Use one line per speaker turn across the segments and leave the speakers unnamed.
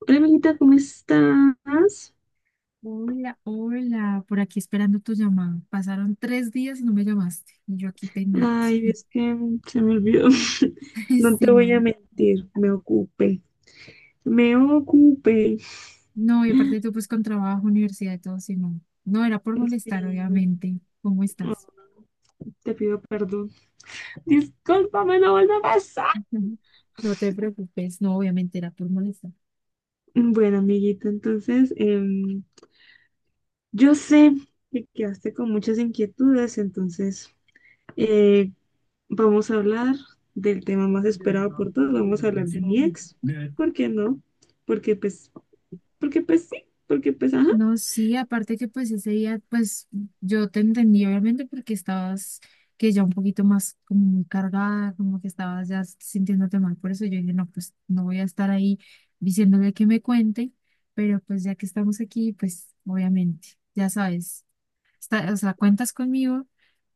Hola, amiguita, ¿cómo estás?
Hola, hola, por aquí esperando tu llamado. Pasaron 3 días y no me llamaste, y yo aquí pendiente.
Ay, es que se me olvidó. No
Sí,
te voy a
no,
mentir, me ocupé. Me ocupé.
no, y aparte tú pues con trabajo, universidad y todo, sí, no. No, era por molestar,
Sí,
obviamente. ¿Cómo
oh,
estás?
te pido perdón. Discúlpame, no vuelve a pasar.
No te preocupes, no, obviamente era por molestar.
Bueno, amiguita, entonces, yo sé que quedaste con muchas inquietudes, entonces, eh, vamos a hablar del tema más esperado por todos. Vamos a hablar de mi ex. ¿Por qué no? Porque, pues, porque, pues, sí. Porque, pues, ajá.
No, sí, aparte que pues ese día, pues yo te entendí obviamente porque estabas que ya un poquito más como muy cargada, como que estabas ya sintiéndote mal, por eso yo dije, no, pues no voy a estar ahí diciéndole que me cuente, pero pues ya que estamos aquí, pues obviamente, ya sabes, está, o sea, cuentas conmigo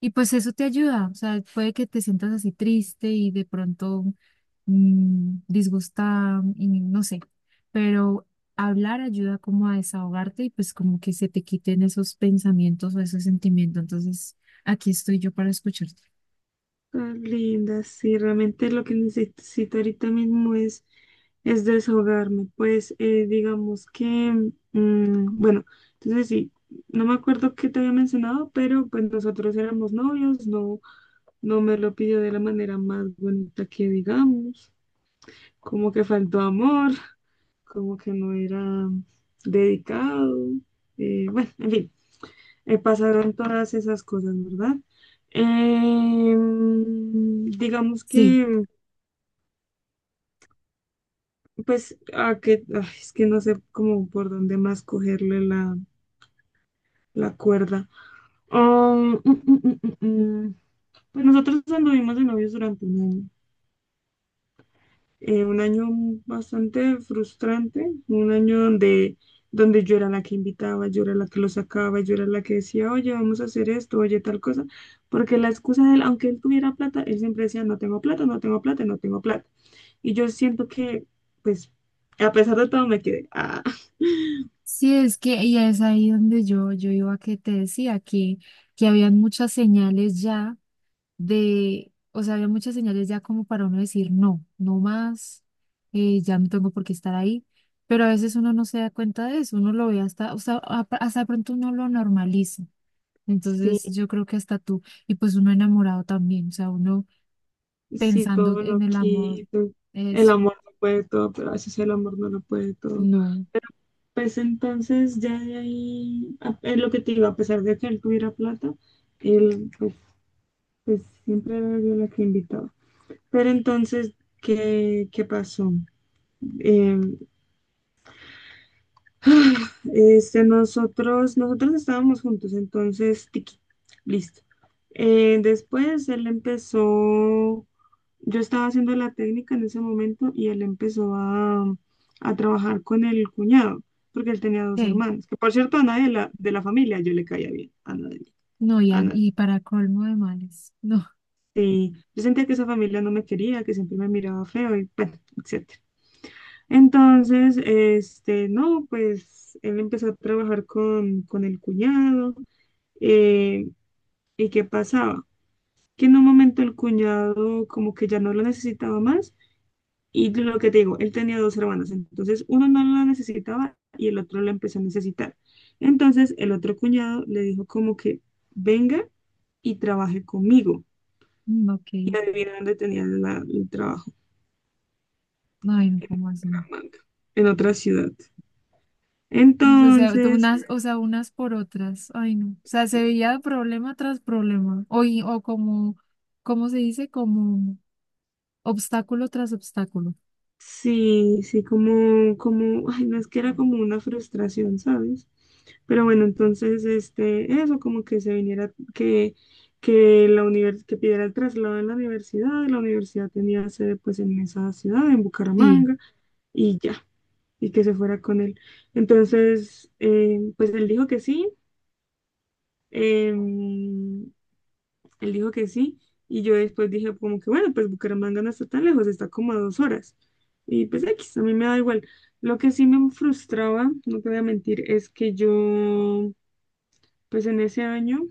y pues eso te ayuda, o sea, puede que te sientas así triste y de pronto disgustada y no sé, pero hablar ayuda como a desahogarte y pues como que se te quiten esos pensamientos o esos sentimientos. Entonces, aquí estoy yo para escucharte.
Estás linda, sí, realmente lo que necesito ahorita mismo es desahogarme. Pues digamos que, bueno, entonces sí, no me acuerdo qué te había mencionado, pero pues nosotros éramos novios, no, no me lo pidió de la manera más bonita que digamos, como que faltó amor, como que no era dedicado, bueno, en fin pasaron todas esas cosas, ¿verdad? Digamos
Sí,
que, pues, a que, ay, es que no sé cómo por dónde más cogerle la cuerda. Ah, mm, mm, mm, mm, mm. Pues nosotros anduvimos de novios durante un año. Un año bastante frustrante, un año donde yo era la que invitaba, yo era la que lo sacaba, yo era la que decía, oye, vamos a hacer esto, oye, tal cosa, porque la excusa de él, aunque él tuviera plata, él siempre decía, no tengo plata, no tengo plata, no tengo plata. Y yo siento que, pues, a pesar de todo me quedé,
sí, es que y es ahí donde yo iba que te decía que habían muchas señales ya de, o sea, había muchas señales ya como para uno decir, no, no más, ya no tengo por qué estar ahí, pero a veces uno no se da cuenta de eso, uno lo ve hasta, o sea, hasta de pronto uno lo normaliza. Entonces
sí,
yo creo que hasta tú, y pues uno enamorado también, o sea, uno
sí,
pensando
todo
en
lo
el amor,
quito, el
eso,
amor lo puede todo, pero a veces el amor no lo puede todo.
no,
Pues entonces ya de ahí, es lo que te digo, a pesar de que él tuviera plata, él pues, siempre era yo la que invitaba. Pero entonces, ¿qué pasó? Eh, este, nosotros estábamos juntos, entonces, tiki, listo. Después él empezó Yo estaba haciendo la técnica en ese momento y él empezó a trabajar con el cuñado, porque él tenía dos
¿qué?
hermanos, que por cierto a nadie de la familia yo le caía bien, a nadie,
No,
a
Ian,
nadie.
y para colmo de males, no,
Y yo sentía que esa familia no me quería, que siempre me miraba feo y bueno, etcétera. Entonces, este, no, pues él empezó a trabajar con el cuñado. eh, ¿y qué pasaba? Que en un momento el cuñado como que ya no lo necesitaba más. Y lo que te digo, él tenía dos hermanas, entonces uno no la necesitaba y el otro la empezó a necesitar. Entonces el otro cuñado le dijo como que venga y trabaje conmigo.
no, ok,
Y adivina dónde tenía el trabajo,
no, no, ¿cómo así?
Bucaramanga, en otra ciudad.
O sea, tú
Entonces,
unas, o sea, unas por otras. Ay, no. O sea, se veía problema tras problema. O como, ¿cómo se dice? Como obstáculo tras obstáculo.
sí, sí, como, ay, no es que era como una frustración, ¿sabes? Pero bueno, entonces, este, eso como que se viniera, que que pidiera el traslado en la universidad tenía sede pues en esa ciudad, en
Sí.
Bucaramanga, y ya, y que se fuera con él. Entonces, pues él dijo que sí, eh, él dijo que sí, y yo después dije como que bueno, pues Bucaramanga no está tan lejos, está como a 2 horas. Y pues X, a mí me da igual. Lo que sí me frustraba, no te voy a mentir, es que yo, pues en ese año,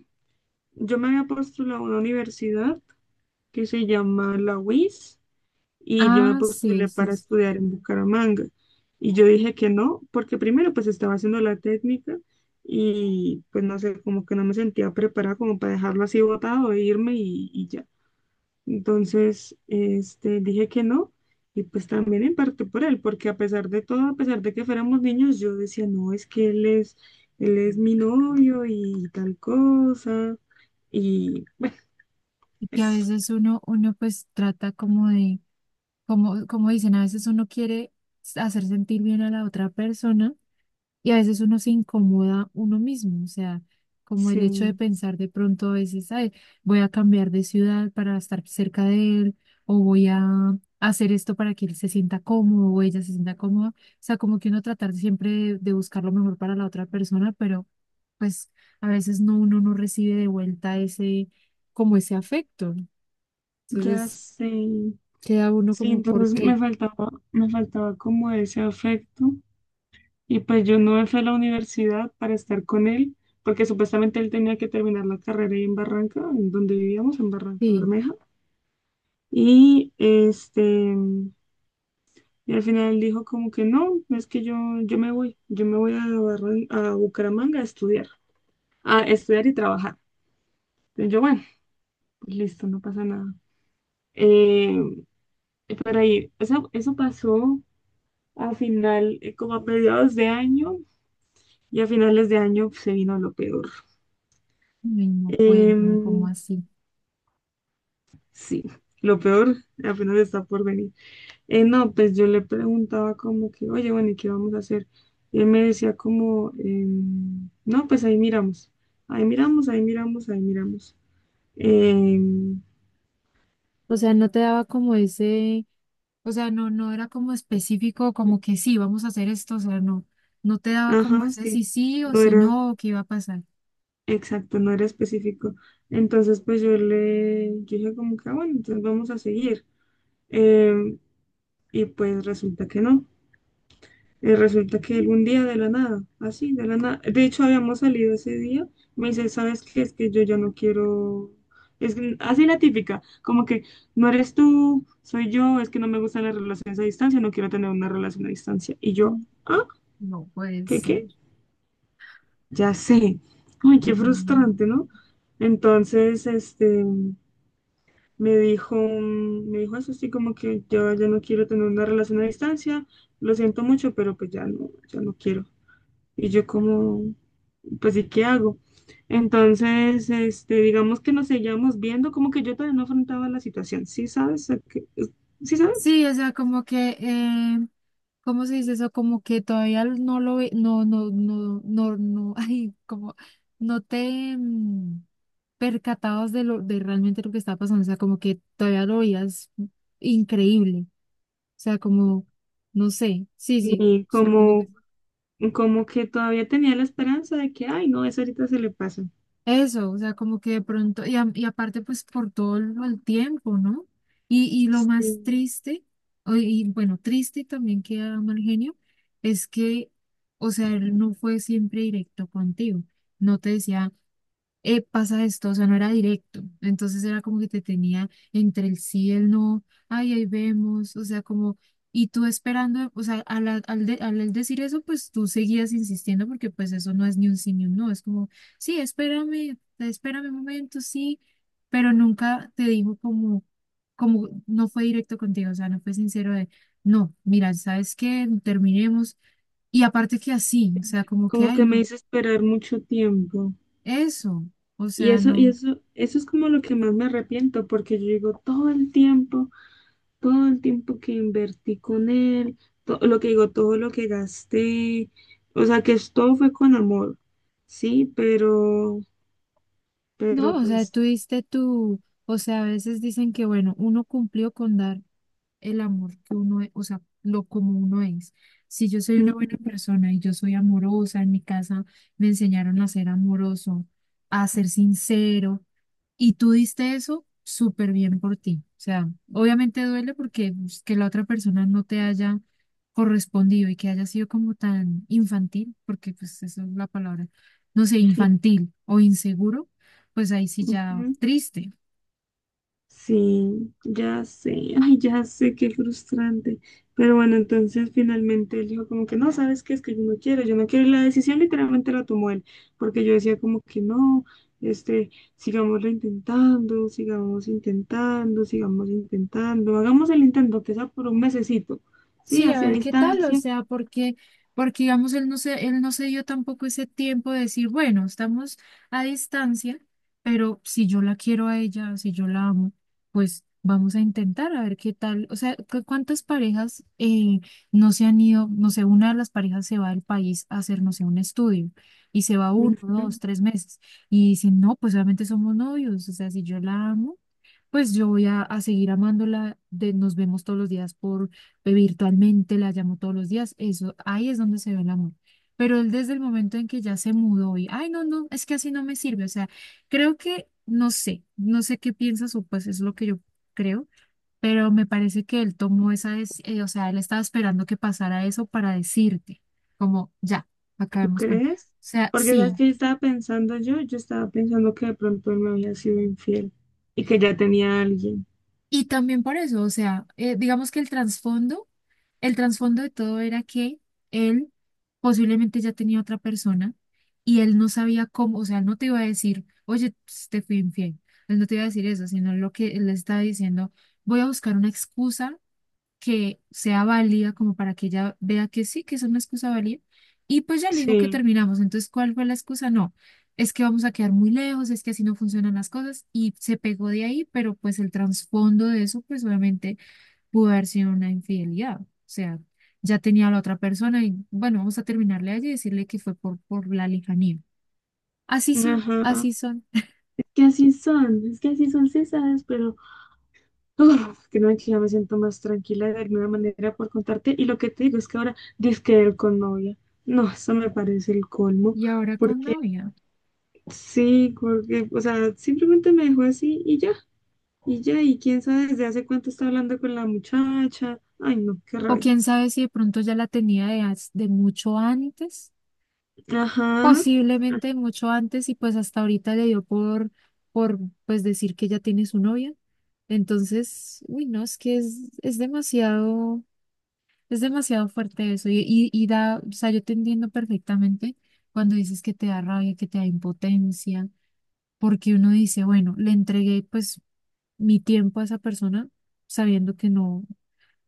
yo me había postulado a una universidad que se llama la UIS, y yo me
Ah, sí,
postulé
eso
para
es.
estudiar en Bucaramanga. Y yo dije que no, porque primero pues estaba haciendo la técnica y pues no sé, como que no me sentía preparada como para dejarlo así botado e irme y ya. Entonces, este, dije que no, y pues también en parte por él, porque a pesar de todo, a pesar de que fuéramos niños, yo decía, no, es que él es mi novio y tal cosa, y bueno,
Y que a
eso.
veces uno pues trata como de, como dicen, a veces uno quiere hacer sentir bien a la otra persona. Y a veces uno se incomoda uno mismo, o sea, como el hecho de
Sí,
pensar de pronto a veces, ay, voy a cambiar de ciudad para estar cerca de él, o voy a hacer esto para que él se sienta cómodo o ella se sienta cómoda. O sea, como que uno tratar siempre de, buscar lo mejor para la otra persona, pero pues a veces no, uno no recibe de vuelta ese, como ese afecto.
ya
Entonces
sé.
queda uno
Sí,
como, ¿por
entonces me
qué?
faltaba, me faltaba como ese afecto, y pues yo no me fui a la universidad para estar con él, porque supuestamente él tenía que terminar la carrera ahí en Barranca, en donde vivíamos, en Barranca
Sí,
Bermeja. Y este, y al final dijo como que no, es que yo me voy, yo me voy a Bucaramanga a estudiar y trabajar. Entonces yo, bueno, pues listo, no pasa nada. Eh, pero ahí, eso pasó a final, como a mediados de año, y a finales de año pues, se vino lo peor.
ay, no cuéntame, como
Em,
así.
sí, lo peor apenas está por venir. No, pues yo le preguntaba como que, oye, bueno, ¿y qué vamos a hacer? Y él me decía como, no, pues ahí miramos, ahí miramos, ahí miramos, ahí miramos. Em,
O sea, no te daba como ese. O sea, no, no era como específico, como que sí, vamos a hacer esto, o sea, no, no te daba como
ajá,
ese
sí,
sí sí o
no
si
era
no, o qué iba a pasar.
exacto, no era específico. Entonces, pues yo dije como que, "Ah, bueno, entonces vamos a seguir." Em, y pues resulta que no. Resulta que él un día de la nada, así, de la nada. De hecho, habíamos salido ese día. Me dice, ¿sabes qué? Es que yo ya no quiero. Así la típica, como que no eres tú, soy yo, es que no me gustan las relaciones a distancia, no quiero tener una relación a distancia. Y yo,
Mm.
ah,
No puede
¿qué
ser.
qué? Ya sé. Ay, qué
Mm.
frustrante, ¿no? Entonces, este, me dijo eso, así como que yo ya no quiero tener una relación a distancia, lo siento mucho, pero pues ya no, ya no quiero. Y yo como, pues, ¿y qué hago? Entonces, este, digamos que nos seguíamos viendo, como que yo todavía no afrontaba la situación, ¿sí sabes? ¿Sí sabes?
Sí, o sea, como que, ¿cómo se dice eso? Como que todavía no lo ve, no, no, no, no, no, ay, como, no te percatabas de lo, de realmente lo que estaba pasando, o sea, como que todavía lo veías increíble, o sea, como, no sé, sí, sí,
Y
supongo que.
como que todavía tenía la esperanza de que, ay, no, eso ahorita se le pasa.
Eso, o sea, como que de pronto, y aparte pues por todo el tiempo, ¿no? Y lo más
Sí.
triste, y bueno, triste y también que era mal genio, es que, o sea, él no fue siempre directo contigo, no te decía pasa esto, o sea, no era directo. Entonces era como que te tenía entre el sí y el no, ay, ahí vemos, o sea, como, y tú esperando, o sea, al él decir eso, pues tú seguías insistiendo porque pues eso no es ni un sí ni un no, es como, sí, espérame, espérame un momento, sí, pero nunca te dijo como, no fue directo contigo, o sea, no fue sincero de, no, mira, ¿sabes qué? Terminemos. Y aparte que así, o sea, como que,
Como
ay,
que me
no,
hizo esperar mucho tiempo.
eso, o
Y
sea,
eso, y
no.
eso, eso es como lo que más me arrepiento, porque yo digo todo el tiempo, todo el tiempo que invertí con él, lo que digo, todo lo que gasté, o sea, que todo fue con amor, sí, pero,
No,
pero
o sea,
pues,
tú tuviste tu, o sea, a veces dicen que, bueno, uno cumplió con dar el amor que uno es, o sea, lo como uno es. Si yo soy una
ujú,
buena persona y yo soy amorosa, en mi casa me enseñaron a ser amoroso, a ser sincero, y tú diste eso súper bien por ti. O sea, obviamente duele porque pues, que la otra persona no te haya correspondido y que haya sido como tan infantil, porque pues eso es la palabra, no sé,
sí,
infantil o inseguro, pues ahí sí ya
ujú.
triste.
Sí, ya sé, ay, ya sé, qué frustrante. Pero bueno, entonces finalmente él dijo como que no, ¿sabes qué? Es que yo no quiero, yo no quiero. Y la decisión literalmente la tomó él, porque yo decía como que no, este, sigámoslo intentando, sigamos intentando, sigamos intentando, hagamos el intento, que sea por un mesecito, ¿sí?
Sí, a
Hacia
ver qué tal, o
distancia.
sea, porque digamos, él no se dio tampoco ese tiempo de decir, bueno, estamos a distancia, pero si yo la quiero a ella, si yo la amo, pues vamos a intentar a ver qué tal. O sea, ¿cuántas parejas no se han ido? No sé, una de las parejas se va del país a hacer, no sé, un estudio y se va uno,
Ujú.
dos, tres meses y dicen, no, pues obviamente somos novios, o sea, si yo la amo. Pues yo voy a seguir amándola, de, nos vemos todos los días por virtualmente, la llamo todos los días, eso, ahí es donde se ve el amor. Pero él desde el momento en que ya se mudó y, ay, no, no, es que así no me sirve, o sea, creo que, no sé, no sé qué piensas o pues es lo que yo creo, pero me parece que él tomó esa, o sea, él estaba esperando que pasara eso para decirte, como, ya,
¿Tú
acabemos con, o
crees?
sea,
Porque sabes
sí.
que yo estaba pensando que de pronto él me había sido infiel y que ya tenía a alguien.
Y también por eso, o sea, digamos que el trasfondo de todo era que él posiblemente ya tenía otra persona y él no sabía cómo, o sea, él no te iba a decir, oye, pues, te fui infiel. Él no te iba a decir eso, sino lo que él estaba diciendo, voy a buscar una excusa que sea válida como para que ella vea que sí, que es una excusa válida. Y pues ya le digo que
Sí.
terminamos. Entonces, ¿cuál fue la excusa? No, es que vamos a quedar muy lejos, es que así no funcionan las cosas y se pegó de ahí, pero pues el trasfondo de eso, pues obviamente pudo haber sido una infidelidad. O sea, ya tenía a la otra persona y bueno, vamos a terminarle allí y decirle que fue por la lejanía. Así son,
Ajá.
así son.
Es que así son, es que así son cesadas, pero uf, que no, que ya me siento más tranquila de alguna manera por contarte. Y lo que te digo es que ahora dizque él con novia. No, eso me parece el colmo,
Y ahora con
porque
novia.
sí, porque, o sea, simplemente me dejó así y ya, y ya, y quién sabe desde hace cuánto está hablando con la muchacha. Ay, no, qué
O
rabia.
quién sabe si de pronto ya la tenía de mucho antes.
Ajá. Ah,
Posiblemente mucho antes y pues hasta ahorita le dio por, pues decir que ya tiene su novia. Entonces, uy, no, es que es demasiado fuerte eso y da, o sea, yo te entiendo perfectamente cuando dices que te da rabia, que te da impotencia, porque uno dice, bueno, le entregué pues mi tiempo a esa persona sabiendo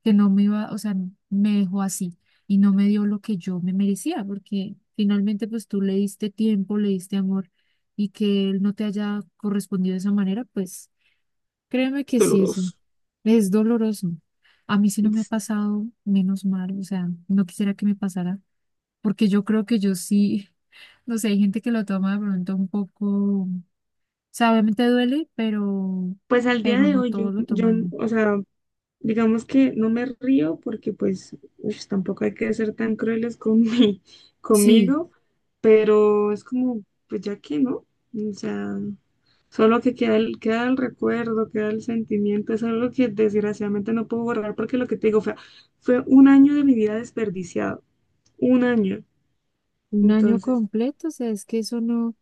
que no me iba, o sea, me dejó así y no me dio lo que yo me merecía, porque finalmente pues tú le diste tiempo, le diste amor y que él no te haya correspondido de esa manera, pues créeme que sí es,
doloroso.
es doloroso. A mí sí no me ha
Sí.
pasado, menos mal, o sea, no quisiera que me pasara, porque yo creo que yo sí, no sé, hay gente que lo toma de pronto un poco, o sea, obviamente duele, pero,
Pues al día
pero
de
no
hoy, yo,
todos lo
yo,
toman.
o sea, digamos que no me río porque pues ush, tampoco hay que ser tan crueles con
Sí.
conmigo, pero es como, pues ya que no, o sea, solo que queda el recuerdo, queda el sentimiento, es algo que desgraciadamente no puedo borrar porque lo que te digo fue un año de mi vida desperdiciado, un año.
Un año
Entonces,
completo, o sea, es que eso no.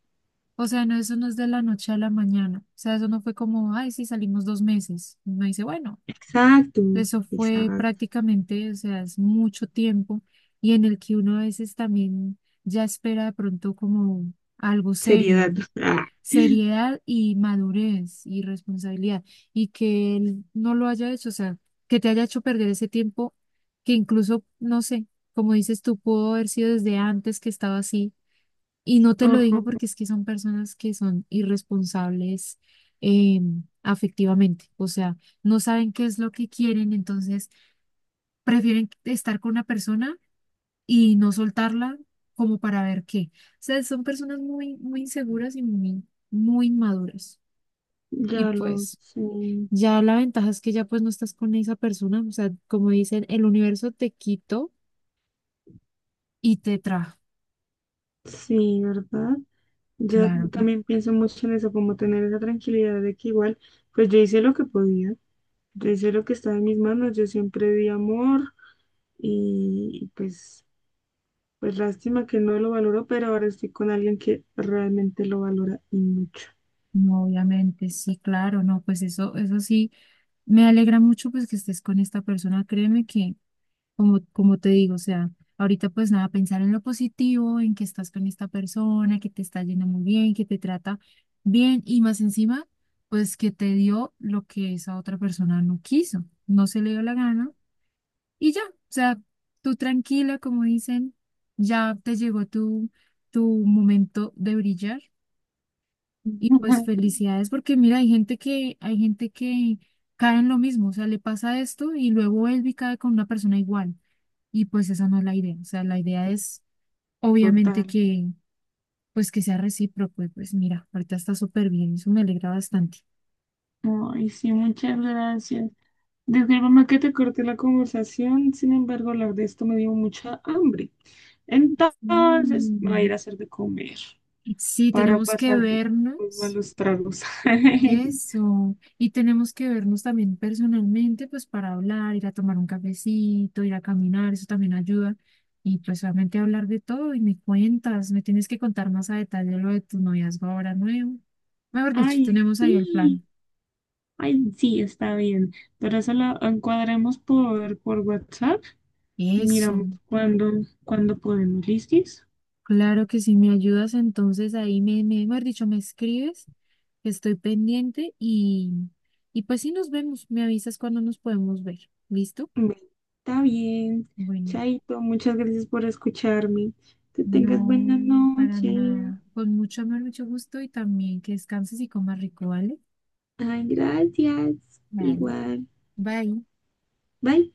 O sea, no, eso no es de la noche a la mañana. O sea, eso no fue como, ay, sí, salimos 2 meses. Uno dice, bueno,
exacto,
eso fue
exacto,
prácticamente, o sea, es mucho tiempo y en el que uno a veces también ya espera de pronto como algo
seriedad.
serio, seriedad y madurez y responsabilidad. Y que él no lo haya hecho, o sea, que te haya hecho perder ese tiempo que incluso, no sé, como dices tú, pudo haber sido desde antes que estaba así y no te
Ah,
lo
ajá,
dijo porque es que son personas que son irresponsables eh, afectivamente, o sea, no saben qué es lo que quieren, entonces prefieren estar con una persona y no soltarla como para ver qué. O sea, son personas muy, muy inseguras y muy, muy inmaduras.
ya
Y
lo
pues
sé.
ya la ventaja es que ya pues no estás con esa persona, o sea, como dicen, el universo te quitó y te trajo.
Sí, ¿verdad? Yo
Claro,
también pienso mucho en eso, como tener esa tranquilidad de que igual, pues yo hice lo que podía, yo hice lo que estaba en mis manos, yo siempre di amor y pues, lástima que no lo valoró, pero ahora estoy con alguien que realmente lo valora y mucho.
no, obviamente, sí, claro, no, pues eso sí. Me alegra mucho pues que estés con esta persona. Créeme que, como te digo, o sea, ahorita pues nada, pensar en lo positivo, en que estás con esta persona, que te está yendo muy bien, que te trata bien y más encima, pues que te dio lo que esa otra persona no quiso, no se le dio la gana y ya, o sea, tú tranquila, como dicen, ya te llegó tu momento de brillar y pues felicidades, porque mira, hay gente que cae en lo mismo, o sea, le pasa esto y luego él cae con una persona igual. Y pues esa no es la idea. O sea, la idea es obviamente
Total.
que, pues que sea recíproco. Y pues mira, ahorita está súper bien, eso me alegra bastante.
Ay, sí, muchas gracias. Discúlpame que te corté la conversación, sin embargo, hablar de esto me dio mucha hambre. Entonces, me voy a ir
Mm.
a hacer de comer
Sí,
para
tenemos que
pasar los
vernos.
malos tragos.
Eso. Y tenemos que vernos también personalmente, pues para hablar, ir a tomar un cafecito, ir a caminar, eso también ayuda. Y pues obviamente hablar de todo y me cuentas, me tienes que contar más a detalle lo de tu noviazgo ahora nuevo. Mejor dicho,
Ay,
tenemos ahí el
sí,
plan.
ay, sí, está bien. Pero eso lo encuadremos por WhatsApp y
Eso.
miramos cuándo podemos. ¿Listis?
Claro que si me ayudas, entonces ahí mejor dicho, me escribes, que estoy pendiente y pues sí nos vemos, me avisas cuando nos podemos ver. ¿Listo?
Bueno, está bien.
Bueno.
Chaito, muchas gracias por escucharme. Que tengas buena
No, para
noche.
nada. Con mucho amor, mucho gusto y también que descanses y comas rico, ¿vale?
Ay, gracias.
Vale.
Igual.
Bye.
Bye.